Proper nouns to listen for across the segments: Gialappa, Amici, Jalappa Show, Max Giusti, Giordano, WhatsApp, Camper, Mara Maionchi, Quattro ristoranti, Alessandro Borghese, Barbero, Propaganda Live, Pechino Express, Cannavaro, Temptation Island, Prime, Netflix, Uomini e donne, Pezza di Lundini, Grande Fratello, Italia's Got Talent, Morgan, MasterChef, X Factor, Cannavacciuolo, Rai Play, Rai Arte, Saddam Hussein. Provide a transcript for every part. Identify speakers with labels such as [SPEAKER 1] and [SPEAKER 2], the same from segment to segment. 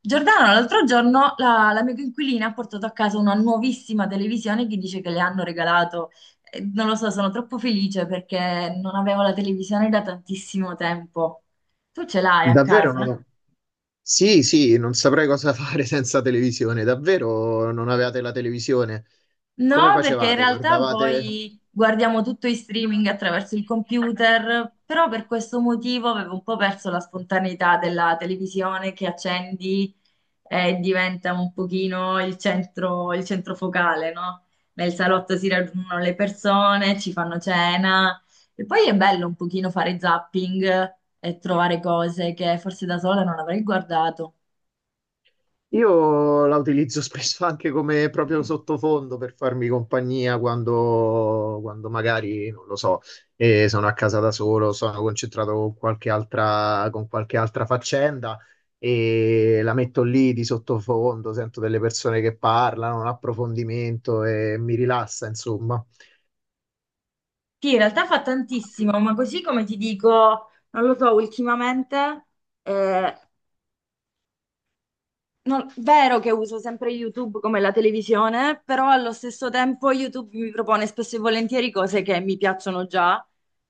[SPEAKER 1] Giordano, l'altro giorno la mia coinquilina ha portato a casa una nuovissima televisione che dice che le hanno regalato. Non lo so, sono troppo felice perché non avevo la televisione da tantissimo tempo. Tu ce l'hai a
[SPEAKER 2] Davvero
[SPEAKER 1] casa?
[SPEAKER 2] non ho- sì, sì, non saprei cosa fare senza televisione. Davvero non avevate la televisione? Come
[SPEAKER 1] No, perché in
[SPEAKER 2] facevate?
[SPEAKER 1] realtà
[SPEAKER 2] Guardavate?
[SPEAKER 1] poi guardiamo tutto in streaming attraverso il computer, però per questo motivo avevo un po' perso la spontaneità della televisione che accendi e diventa un pochino il centro focale, no? Nel salotto si raggiungono le persone, ci fanno cena e poi è bello un pochino fare zapping e trovare cose che forse da sola non avrei guardato.
[SPEAKER 2] Io la utilizzo spesso anche come proprio sottofondo per farmi compagnia quando magari, non lo so, sono a casa da solo, sono concentrato con qualche altra faccenda e la metto lì di sottofondo, sento delle persone che parlano, un approfondimento e mi rilassa, insomma.
[SPEAKER 1] Sì, in realtà fa tantissimo, ma così come ti dico, non lo so, ultimamente eh, non- vero che uso sempre YouTube come la televisione, però allo stesso tempo YouTube mi propone spesso e volentieri cose che mi piacciono già,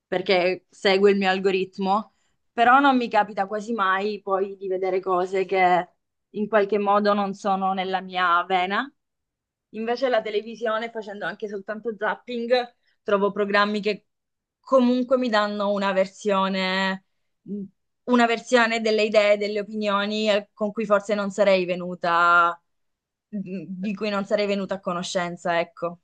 [SPEAKER 1] perché segue il mio algoritmo, però non mi capita quasi mai poi di vedere cose che in qualche modo non sono nella mia vena. Invece la televisione, facendo anche soltanto zapping, trovo programmi che comunque mi danno una versione delle idee, delle opinioni con cui forse non sarei venuta, di cui non sarei venuta a conoscenza, ecco.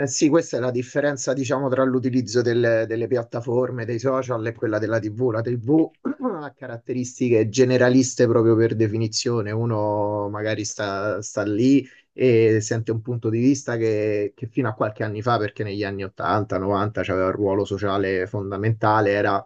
[SPEAKER 2] Eh sì, questa è la differenza, diciamo, tra l'utilizzo delle piattaforme, dei social e quella della TV. La TV ha caratteristiche generaliste proprio per definizione. Uno magari sta lì e sente un punto di vista che fino a qualche anni fa, perché negli anni 80, 90 c'aveva un ruolo sociale fondamentale, era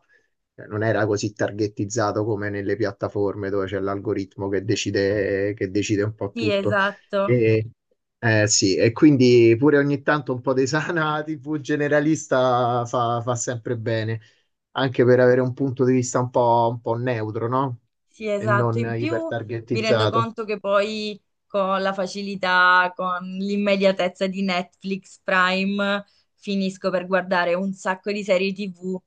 [SPEAKER 2] cioè, non era così targettizzato come nelle piattaforme dove c'è l'algoritmo che decide un po'
[SPEAKER 1] Sì,
[SPEAKER 2] tutto.
[SPEAKER 1] esatto,
[SPEAKER 2] E, sì, e quindi pure ogni tanto un po' di sana TV generalista fa sempre bene, anche per avere un punto di vista un po' neutro, no?
[SPEAKER 1] sì,
[SPEAKER 2] E
[SPEAKER 1] esatto.
[SPEAKER 2] non
[SPEAKER 1] In più mi rendo
[SPEAKER 2] ipertargettizzato.
[SPEAKER 1] conto che poi con la facilità, con l'immediatezza di Netflix Prime, finisco per guardare un sacco di serie TV.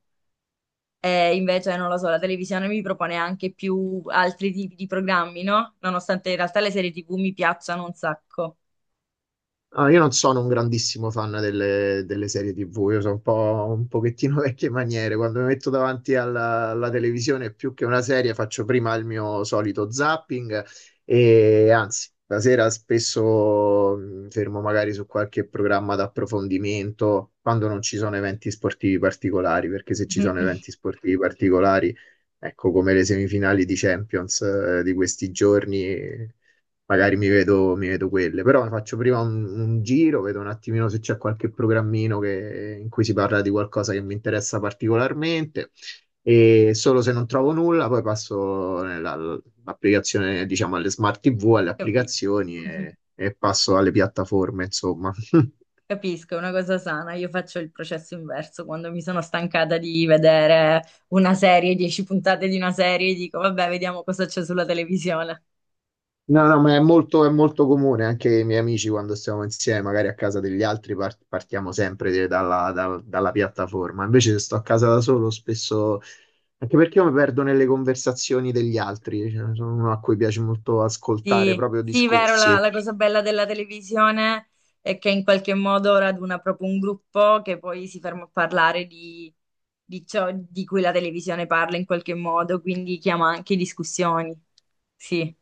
[SPEAKER 1] E invece, non lo so, la televisione mi propone anche più altri tipi di programmi, no? Nonostante in realtà le serie TV mi piacciono un sacco.
[SPEAKER 2] Ah, io non sono un grandissimo fan delle serie TV, io sono un pochettino vecchie maniere. Quando mi metto davanti alla televisione, più che una serie, faccio prima il mio solito zapping e anzi, la sera spesso mi fermo magari su qualche programma d'approfondimento quando non ci sono eventi sportivi particolari, perché se ci sono eventi sportivi particolari, ecco come le semifinali di Champions, di questi giorni magari mi vedo quelle, però faccio prima un giro, vedo un attimino se c'è qualche in cui si parla di qualcosa che mi interessa particolarmente e solo se non trovo nulla poi passo nell'applicazione, diciamo, alle smart TV, alle
[SPEAKER 1] Capi-
[SPEAKER 2] applicazioni e passo alle piattaforme, insomma.
[SPEAKER 1] Capisco, è una cosa sana. Io faccio il processo inverso. Quando mi sono stancata di vedere una serie, dieci puntate di una serie, dico, vabbè, vediamo cosa c'è sulla televisione.
[SPEAKER 2] No, no, ma è è molto comune, anche i miei amici quando stiamo insieme, magari a casa degli altri, partiamo sempre dalla piattaforma. Invece se sto a casa da solo, spesso anche perché io mi perdo nelle conversazioni degli altri, cioè, sono uno a cui piace molto ascoltare
[SPEAKER 1] Sì,
[SPEAKER 2] proprio
[SPEAKER 1] sì, vero, la,
[SPEAKER 2] discorsi.
[SPEAKER 1] la cosa bella della televisione è che in qualche modo raduna proprio un gruppo che poi si ferma a parlare di, ciò di cui la televisione parla in qualche modo, quindi chiama anche discussioni. Sì.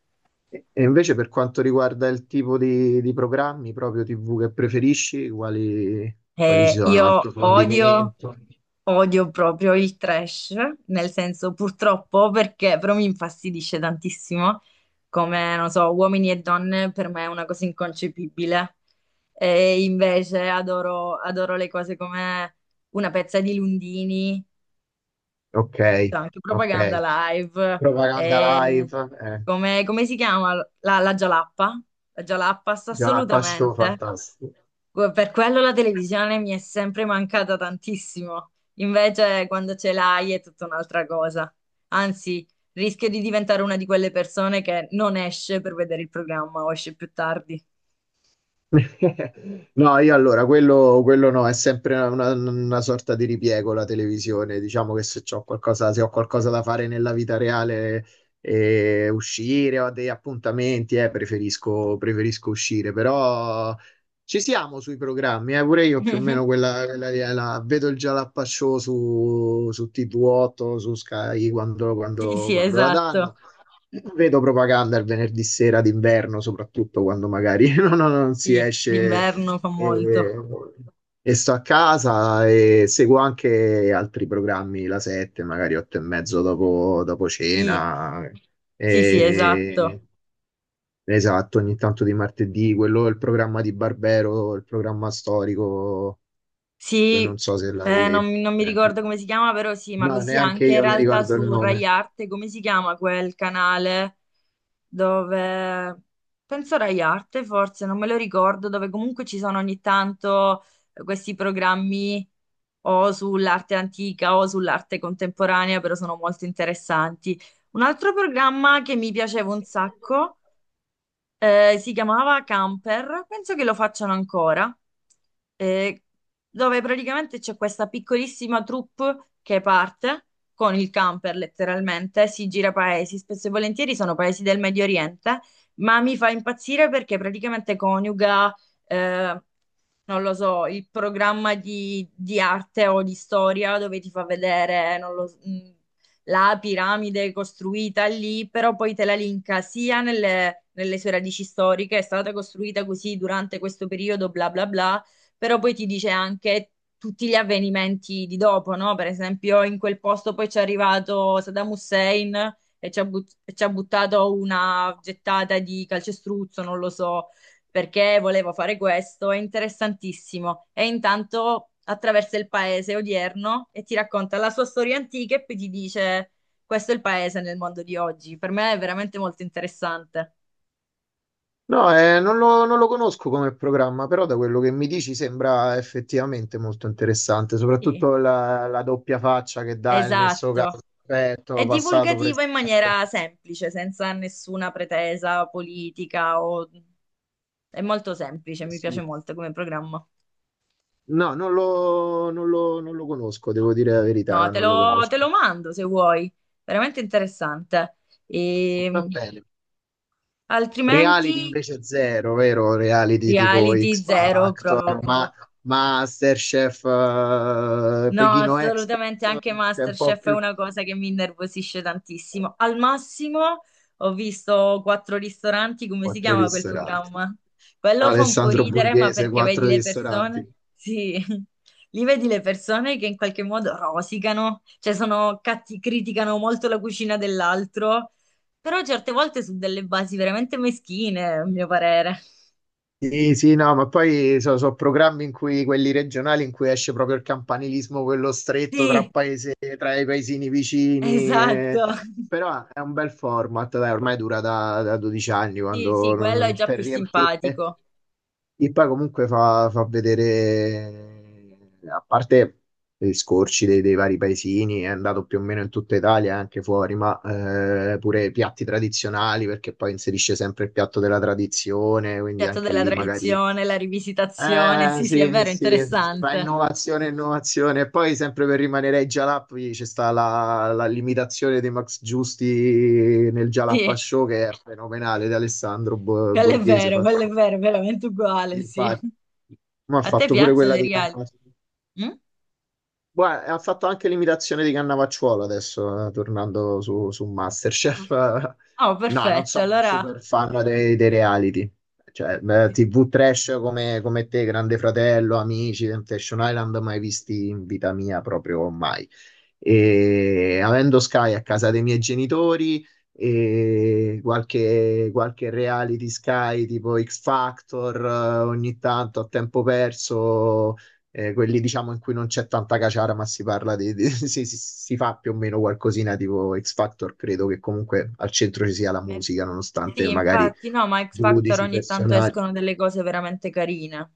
[SPEAKER 2] E invece per quanto riguarda il tipo di programmi proprio TV che preferisci, quali ci sono?
[SPEAKER 1] Io odio,
[SPEAKER 2] Approfondimento?
[SPEAKER 1] odio proprio il trash, nel senso purtroppo perché però mi infastidisce tantissimo, come non so, uomini e donne per me è una cosa inconcepibile. E invece adoro le cose come una pezza di Lundini,
[SPEAKER 2] Ok,
[SPEAKER 1] cioè anche
[SPEAKER 2] ok.
[SPEAKER 1] Propaganda Live,
[SPEAKER 2] Propaganda live?
[SPEAKER 1] e come si chiama? La Gialappa, la Gialappa
[SPEAKER 2] Già la
[SPEAKER 1] assolutamente.
[SPEAKER 2] fantastico.
[SPEAKER 1] Per quello la televisione mi è sempre mancata tantissimo. Invece, quando ce l'hai è tutta un'altra cosa. Anzi, rischio di diventare una di quelle persone che non esce per vedere il programma o esce più tardi.
[SPEAKER 2] No, io allora, quello no, è sempre una sorta di ripiego la televisione. Diciamo che se c'ho qualcosa, se ho qualcosa da fare nella vita reale, uscire, ho dei appuntamenti, eh, preferisco uscire, però ci siamo sui programmi, pure io più o meno quella lì, vedo il Jalappa Show su TV8, su Sky
[SPEAKER 1] Sì, sì,
[SPEAKER 2] quando la
[SPEAKER 1] esatto.
[SPEAKER 2] danno. Vedo propaganda il venerdì sera d'inverno, soprattutto quando magari non si
[SPEAKER 1] Sì,
[SPEAKER 2] esce
[SPEAKER 1] l'inverno fa molto.
[SPEAKER 2] e, e sto a casa e seguo anche altri programmi, la 7, magari 8 e mezzo dopo
[SPEAKER 1] Sì,
[SPEAKER 2] cena.
[SPEAKER 1] sì, sì, esatto.
[SPEAKER 2] E- esatto, ogni tanto di martedì, quello è il programma di Barbero, il programma storico, che non
[SPEAKER 1] Sì,
[SPEAKER 2] so se
[SPEAKER 1] eh, non,
[SPEAKER 2] l'hai...
[SPEAKER 1] mi non mi
[SPEAKER 2] ecco.
[SPEAKER 1] ricordo come si chiama, però sì, ma
[SPEAKER 2] No,
[SPEAKER 1] così
[SPEAKER 2] neanche
[SPEAKER 1] anche in
[SPEAKER 2] io mi
[SPEAKER 1] realtà
[SPEAKER 2] ricordo il
[SPEAKER 1] su Rai
[SPEAKER 2] nome.
[SPEAKER 1] Arte, come si chiama quel canale dove, penso Rai Arte forse, non me lo ricordo, dove comunque ci sono ogni tanto questi programmi o sull'arte antica o sull'arte contemporanea, però sono molto interessanti. Un altro programma che mi piaceva un sacco si chiamava Camper, penso che lo facciano ancora, eh, dove praticamente c'è questa piccolissima troupe che parte con il camper letteralmente, si gira paesi, spesso e volentieri sono paesi del Medio Oriente, ma mi fa impazzire perché praticamente coniuga eh, non lo so, il programma di, arte o di storia dove ti fa vedere, non lo s- la piramide costruita lì, però poi te la linka sia nelle, sue radici storiche, è stata costruita così durante questo periodo, bla bla bla, però poi ti dice anche tutti gli avvenimenti di dopo, no? Per esempio, in quel posto poi c'è arrivato Saddam Hussein. E ci ha buttato una gettata di calcestruzzo, non lo so perché volevo fare questo, è interessantissimo. E intanto attraversa il paese odierno e ti racconta la sua storia antica e poi ti dice questo è il paese nel mondo di oggi. Per me è veramente molto interessante.
[SPEAKER 2] No, eh, non lo conosco come programma, però da quello che mi dici sembra effettivamente molto interessante,
[SPEAKER 1] Sì.
[SPEAKER 2] soprattutto la doppia faccia che dà il nesso
[SPEAKER 1] Esatto.
[SPEAKER 2] causa-effetto,
[SPEAKER 1] È
[SPEAKER 2] passato, presente.
[SPEAKER 1] divulgativa in
[SPEAKER 2] Eh
[SPEAKER 1] maniera semplice, senza nessuna pretesa politica o... È molto semplice, mi piace
[SPEAKER 2] sì.
[SPEAKER 1] molto come programma.
[SPEAKER 2] No, non lo conosco, devo dire la
[SPEAKER 1] No,
[SPEAKER 2] verità,
[SPEAKER 1] te
[SPEAKER 2] non lo
[SPEAKER 1] lo, te lo
[SPEAKER 2] conosco.
[SPEAKER 1] mando se vuoi. Veramente interessante. E,
[SPEAKER 2] Va bene. Reality
[SPEAKER 1] altrimenti
[SPEAKER 2] invece zero, vero? Reality tipo
[SPEAKER 1] reality
[SPEAKER 2] X
[SPEAKER 1] zero
[SPEAKER 2] Factor, ma
[SPEAKER 1] proprio.
[SPEAKER 2] MasterChef,
[SPEAKER 1] No,
[SPEAKER 2] Pechino Express,
[SPEAKER 1] assolutamente anche
[SPEAKER 2] che è un po'
[SPEAKER 1] MasterChef è
[SPEAKER 2] più...
[SPEAKER 1] una cosa che mi innervosisce tantissimo. Al massimo ho visto quattro ristoranti, come si
[SPEAKER 2] Quattro
[SPEAKER 1] chiama quel
[SPEAKER 2] ristoranti.
[SPEAKER 1] programma? Quello fa un po'
[SPEAKER 2] Alessandro
[SPEAKER 1] ridere, ma
[SPEAKER 2] Borghese,
[SPEAKER 1] perché vedi
[SPEAKER 2] quattro
[SPEAKER 1] le persone?
[SPEAKER 2] ristoranti.
[SPEAKER 1] Sì, lì vedi le persone che in qualche modo rosicano, cioè sono catti, criticano molto la cucina dell'altro, però certe volte su delle basi veramente meschine, a mio parere.
[SPEAKER 2] Sì, sì, no, ma poi sono programmi in cui quelli regionali in cui esce proprio il campanilismo, quello stretto tra
[SPEAKER 1] Sì,
[SPEAKER 2] paese, tra i paesini vicini,
[SPEAKER 1] esatto.
[SPEAKER 2] eh. Però è un bel format, dai, ormai dura da 12 anni
[SPEAKER 1] Sì, sì,
[SPEAKER 2] quando non-
[SPEAKER 1] quello
[SPEAKER 2] non-
[SPEAKER 1] è già
[SPEAKER 2] per
[SPEAKER 1] più
[SPEAKER 2] riempire.
[SPEAKER 1] simpatico.
[SPEAKER 2] E poi comunque fa vedere, a parte gli scorci dei vari paesini, è andato più o meno in tutta Italia, e anche fuori, ma pure i piatti tradizionali, perché poi inserisce sempre il piatto della tradizione, quindi
[SPEAKER 1] Piatto
[SPEAKER 2] anche
[SPEAKER 1] della
[SPEAKER 2] lì magari...
[SPEAKER 1] tradizione, la rivisitazione,
[SPEAKER 2] Eh
[SPEAKER 1] sì, sì, è vero,
[SPEAKER 2] sì, fa
[SPEAKER 1] interessante.
[SPEAKER 2] innovazione, e innovazione. E poi sempre per rimanere ai Jalappi c'è sta la, la l'imitazione di Max Giusti nel Jalappa
[SPEAKER 1] Sì,
[SPEAKER 2] Show che è fenomenale, di Borghese. Fatto
[SPEAKER 1] quello è vero, veramente uguale, sì.
[SPEAKER 2] infatti, ma ha
[SPEAKER 1] A te
[SPEAKER 2] fatto pure
[SPEAKER 1] piacciono
[SPEAKER 2] quella
[SPEAKER 1] i
[SPEAKER 2] di
[SPEAKER 1] reali?
[SPEAKER 2] Cannavaro.
[SPEAKER 1] Mm?
[SPEAKER 2] Guarda, ha fatto anche l'imitazione di Cannavacciuolo adesso, tornando su MasterChef.
[SPEAKER 1] Oh,
[SPEAKER 2] No, non
[SPEAKER 1] perfetto,
[SPEAKER 2] sono un
[SPEAKER 1] allora...
[SPEAKER 2] super fan dei reality. Cioè, beh, TV trash come te, Grande Fratello, Amici, Temptation Island, mai visti in vita mia proprio mai. E avendo Sky a casa dei miei genitori e qualche reality Sky tipo X Factor, ogni tanto a tempo perso quelli diciamo in cui non c'è tanta caciara, ma si parla si fa più o meno qualcosina tipo X Factor, credo che comunque al centro ci sia la
[SPEAKER 1] eh,
[SPEAKER 2] musica, nonostante
[SPEAKER 1] Sì,
[SPEAKER 2] magari
[SPEAKER 1] infatti, no, ma X Factor
[SPEAKER 2] giudici,
[SPEAKER 1] ogni tanto
[SPEAKER 2] personaggi.
[SPEAKER 1] escono delle cose veramente carine.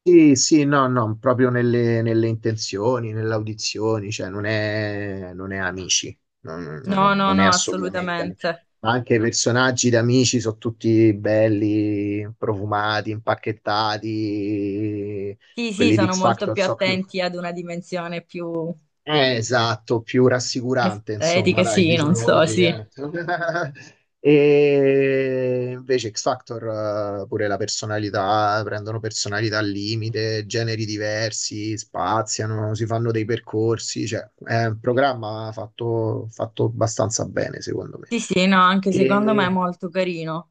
[SPEAKER 2] Sì, sì, no, no, proprio nelle intenzioni, nelle audizioni, cioè non è amici,
[SPEAKER 1] No, no,
[SPEAKER 2] non è
[SPEAKER 1] no,
[SPEAKER 2] assolutamente amici.
[SPEAKER 1] assolutamente.
[SPEAKER 2] Ma anche i personaggi di amici sono tutti belli, profumati, impacchettati,
[SPEAKER 1] Sì, sì,
[SPEAKER 2] quelli di
[SPEAKER 1] sono
[SPEAKER 2] X
[SPEAKER 1] molto
[SPEAKER 2] Factor
[SPEAKER 1] più
[SPEAKER 2] so più.
[SPEAKER 1] attenti ad una dimensione più
[SPEAKER 2] Esatto, più rassicurante, insomma,
[SPEAKER 1] estetica,
[SPEAKER 2] dai,
[SPEAKER 1] sì, non
[SPEAKER 2] diciamo
[SPEAKER 1] so,
[SPEAKER 2] così,
[SPEAKER 1] sì.
[SPEAKER 2] eh. E invece X Factor, pure la personalità, prendono personalità al limite, generi diversi, spaziano, si fanno dei percorsi, cioè è un programma fatto abbastanza bene, secondo me.
[SPEAKER 1] Sì, sì, no, anche secondo me è
[SPEAKER 2] E...
[SPEAKER 1] molto carino.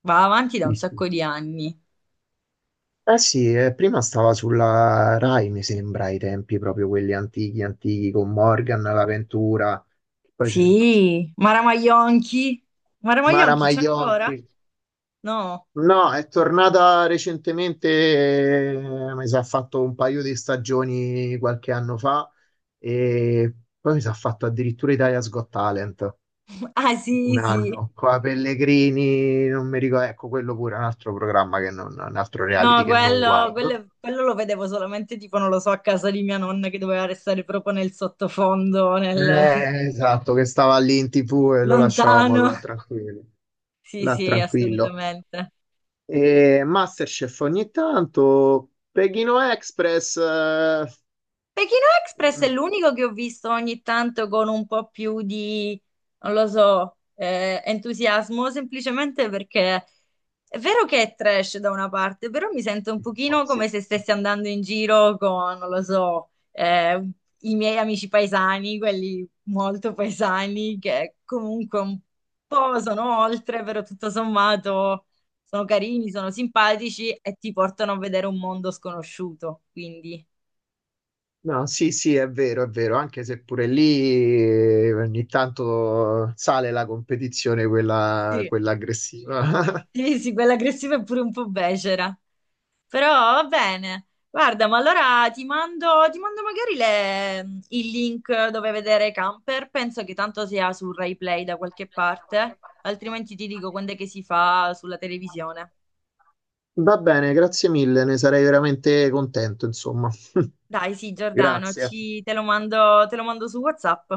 [SPEAKER 1] Va avanti da un
[SPEAKER 2] sì,
[SPEAKER 1] sacco
[SPEAKER 2] sì.
[SPEAKER 1] di anni.
[SPEAKER 2] Eh sì, prima stava sulla Rai, mi sembra, ai tempi proprio quelli antichi, con Morgan, l'avventura. Poi c'è.
[SPEAKER 1] Sì, Mara Maionchi. Mara
[SPEAKER 2] Mara
[SPEAKER 1] Maionchi c'è ancora?
[SPEAKER 2] Maionchi.
[SPEAKER 1] No.
[SPEAKER 2] No, è tornata recentemente, mi sa, ha fatto un paio di stagioni qualche anno fa e poi mi sa, ha fatto addirittura Italia's Got Talent
[SPEAKER 1] Ah, sì,
[SPEAKER 2] un
[SPEAKER 1] sì.
[SPEAKER 2] anno. Qua Pellegrini, non mi ricordo, ecco, quello pure è un altro programma che non, un altro
[SPEAKER 1] No,
[SPEAKER 2] reality che non
[SPEAKER 1] quello,
[SPEAKER 2] guardo.
[SPEAKER 1] quello, quello lo vedevo solamente tipo, non lo so, a casa di mia nonna che doveva restare proprio nel sottofondo, nel
[SPEAKER 2] Esatto, che stava lì in TV e lo lasciavamo
[SPEAKER 1] lontano.
[SPEAKER 2] là tranquillo.
[SPEAKER 1] Sì,
[SPEAKER 2] Là
[SPEAKER 1] sì,
[SPEAKER 2] tranquillo.
[SPEAKER 1] assolutamente.
[SPEAKER 2] E Masterchef ogni tanto, Pechino Express,
[SPEAKER 1] Pechino Express è l'unico che ho visto ogni tanto con un po' più di, non lo so, entusiasmo, semplicemente perché è vero che è trash da una parte, però mi sento un
[SPEAKER 2] oh,
[SPEAKER 1] pochino
[SPEAKER 2] sì.
[SPEAKER 1] come se stessi andando in giro con, non lo so, i miei amici paesani, quelli molto paesani, che comunque un po' sono oltre, però tutto sommato sono carini, sono simpatici e ti portano a vedere un mondo sconosciuto, quindi...
[SPEAKER 2] No, sì, è vero, anche se pure lì ogni tanto sale la competizione, quella aggressiva.
[SPEAKER 1] Sì, sì, quella aggressiva è pure un po' becera. Però va bene. Guarda, ma allora ti mando magari il link dove vedere Camper. Penso che tanto sia su Rai Play da qualche parte. Altrimenti ti dico quando è che si fa sulla televisione.
[SPEAKER 2] Va bene, grazie mille, ne sarei veramente contento, insomma.
[SPEAKER 1] Dai, sì, Giordano,
[SPEAKER 2] Grazie.
[SPEAKER 1] te lo mando su WhatsApp.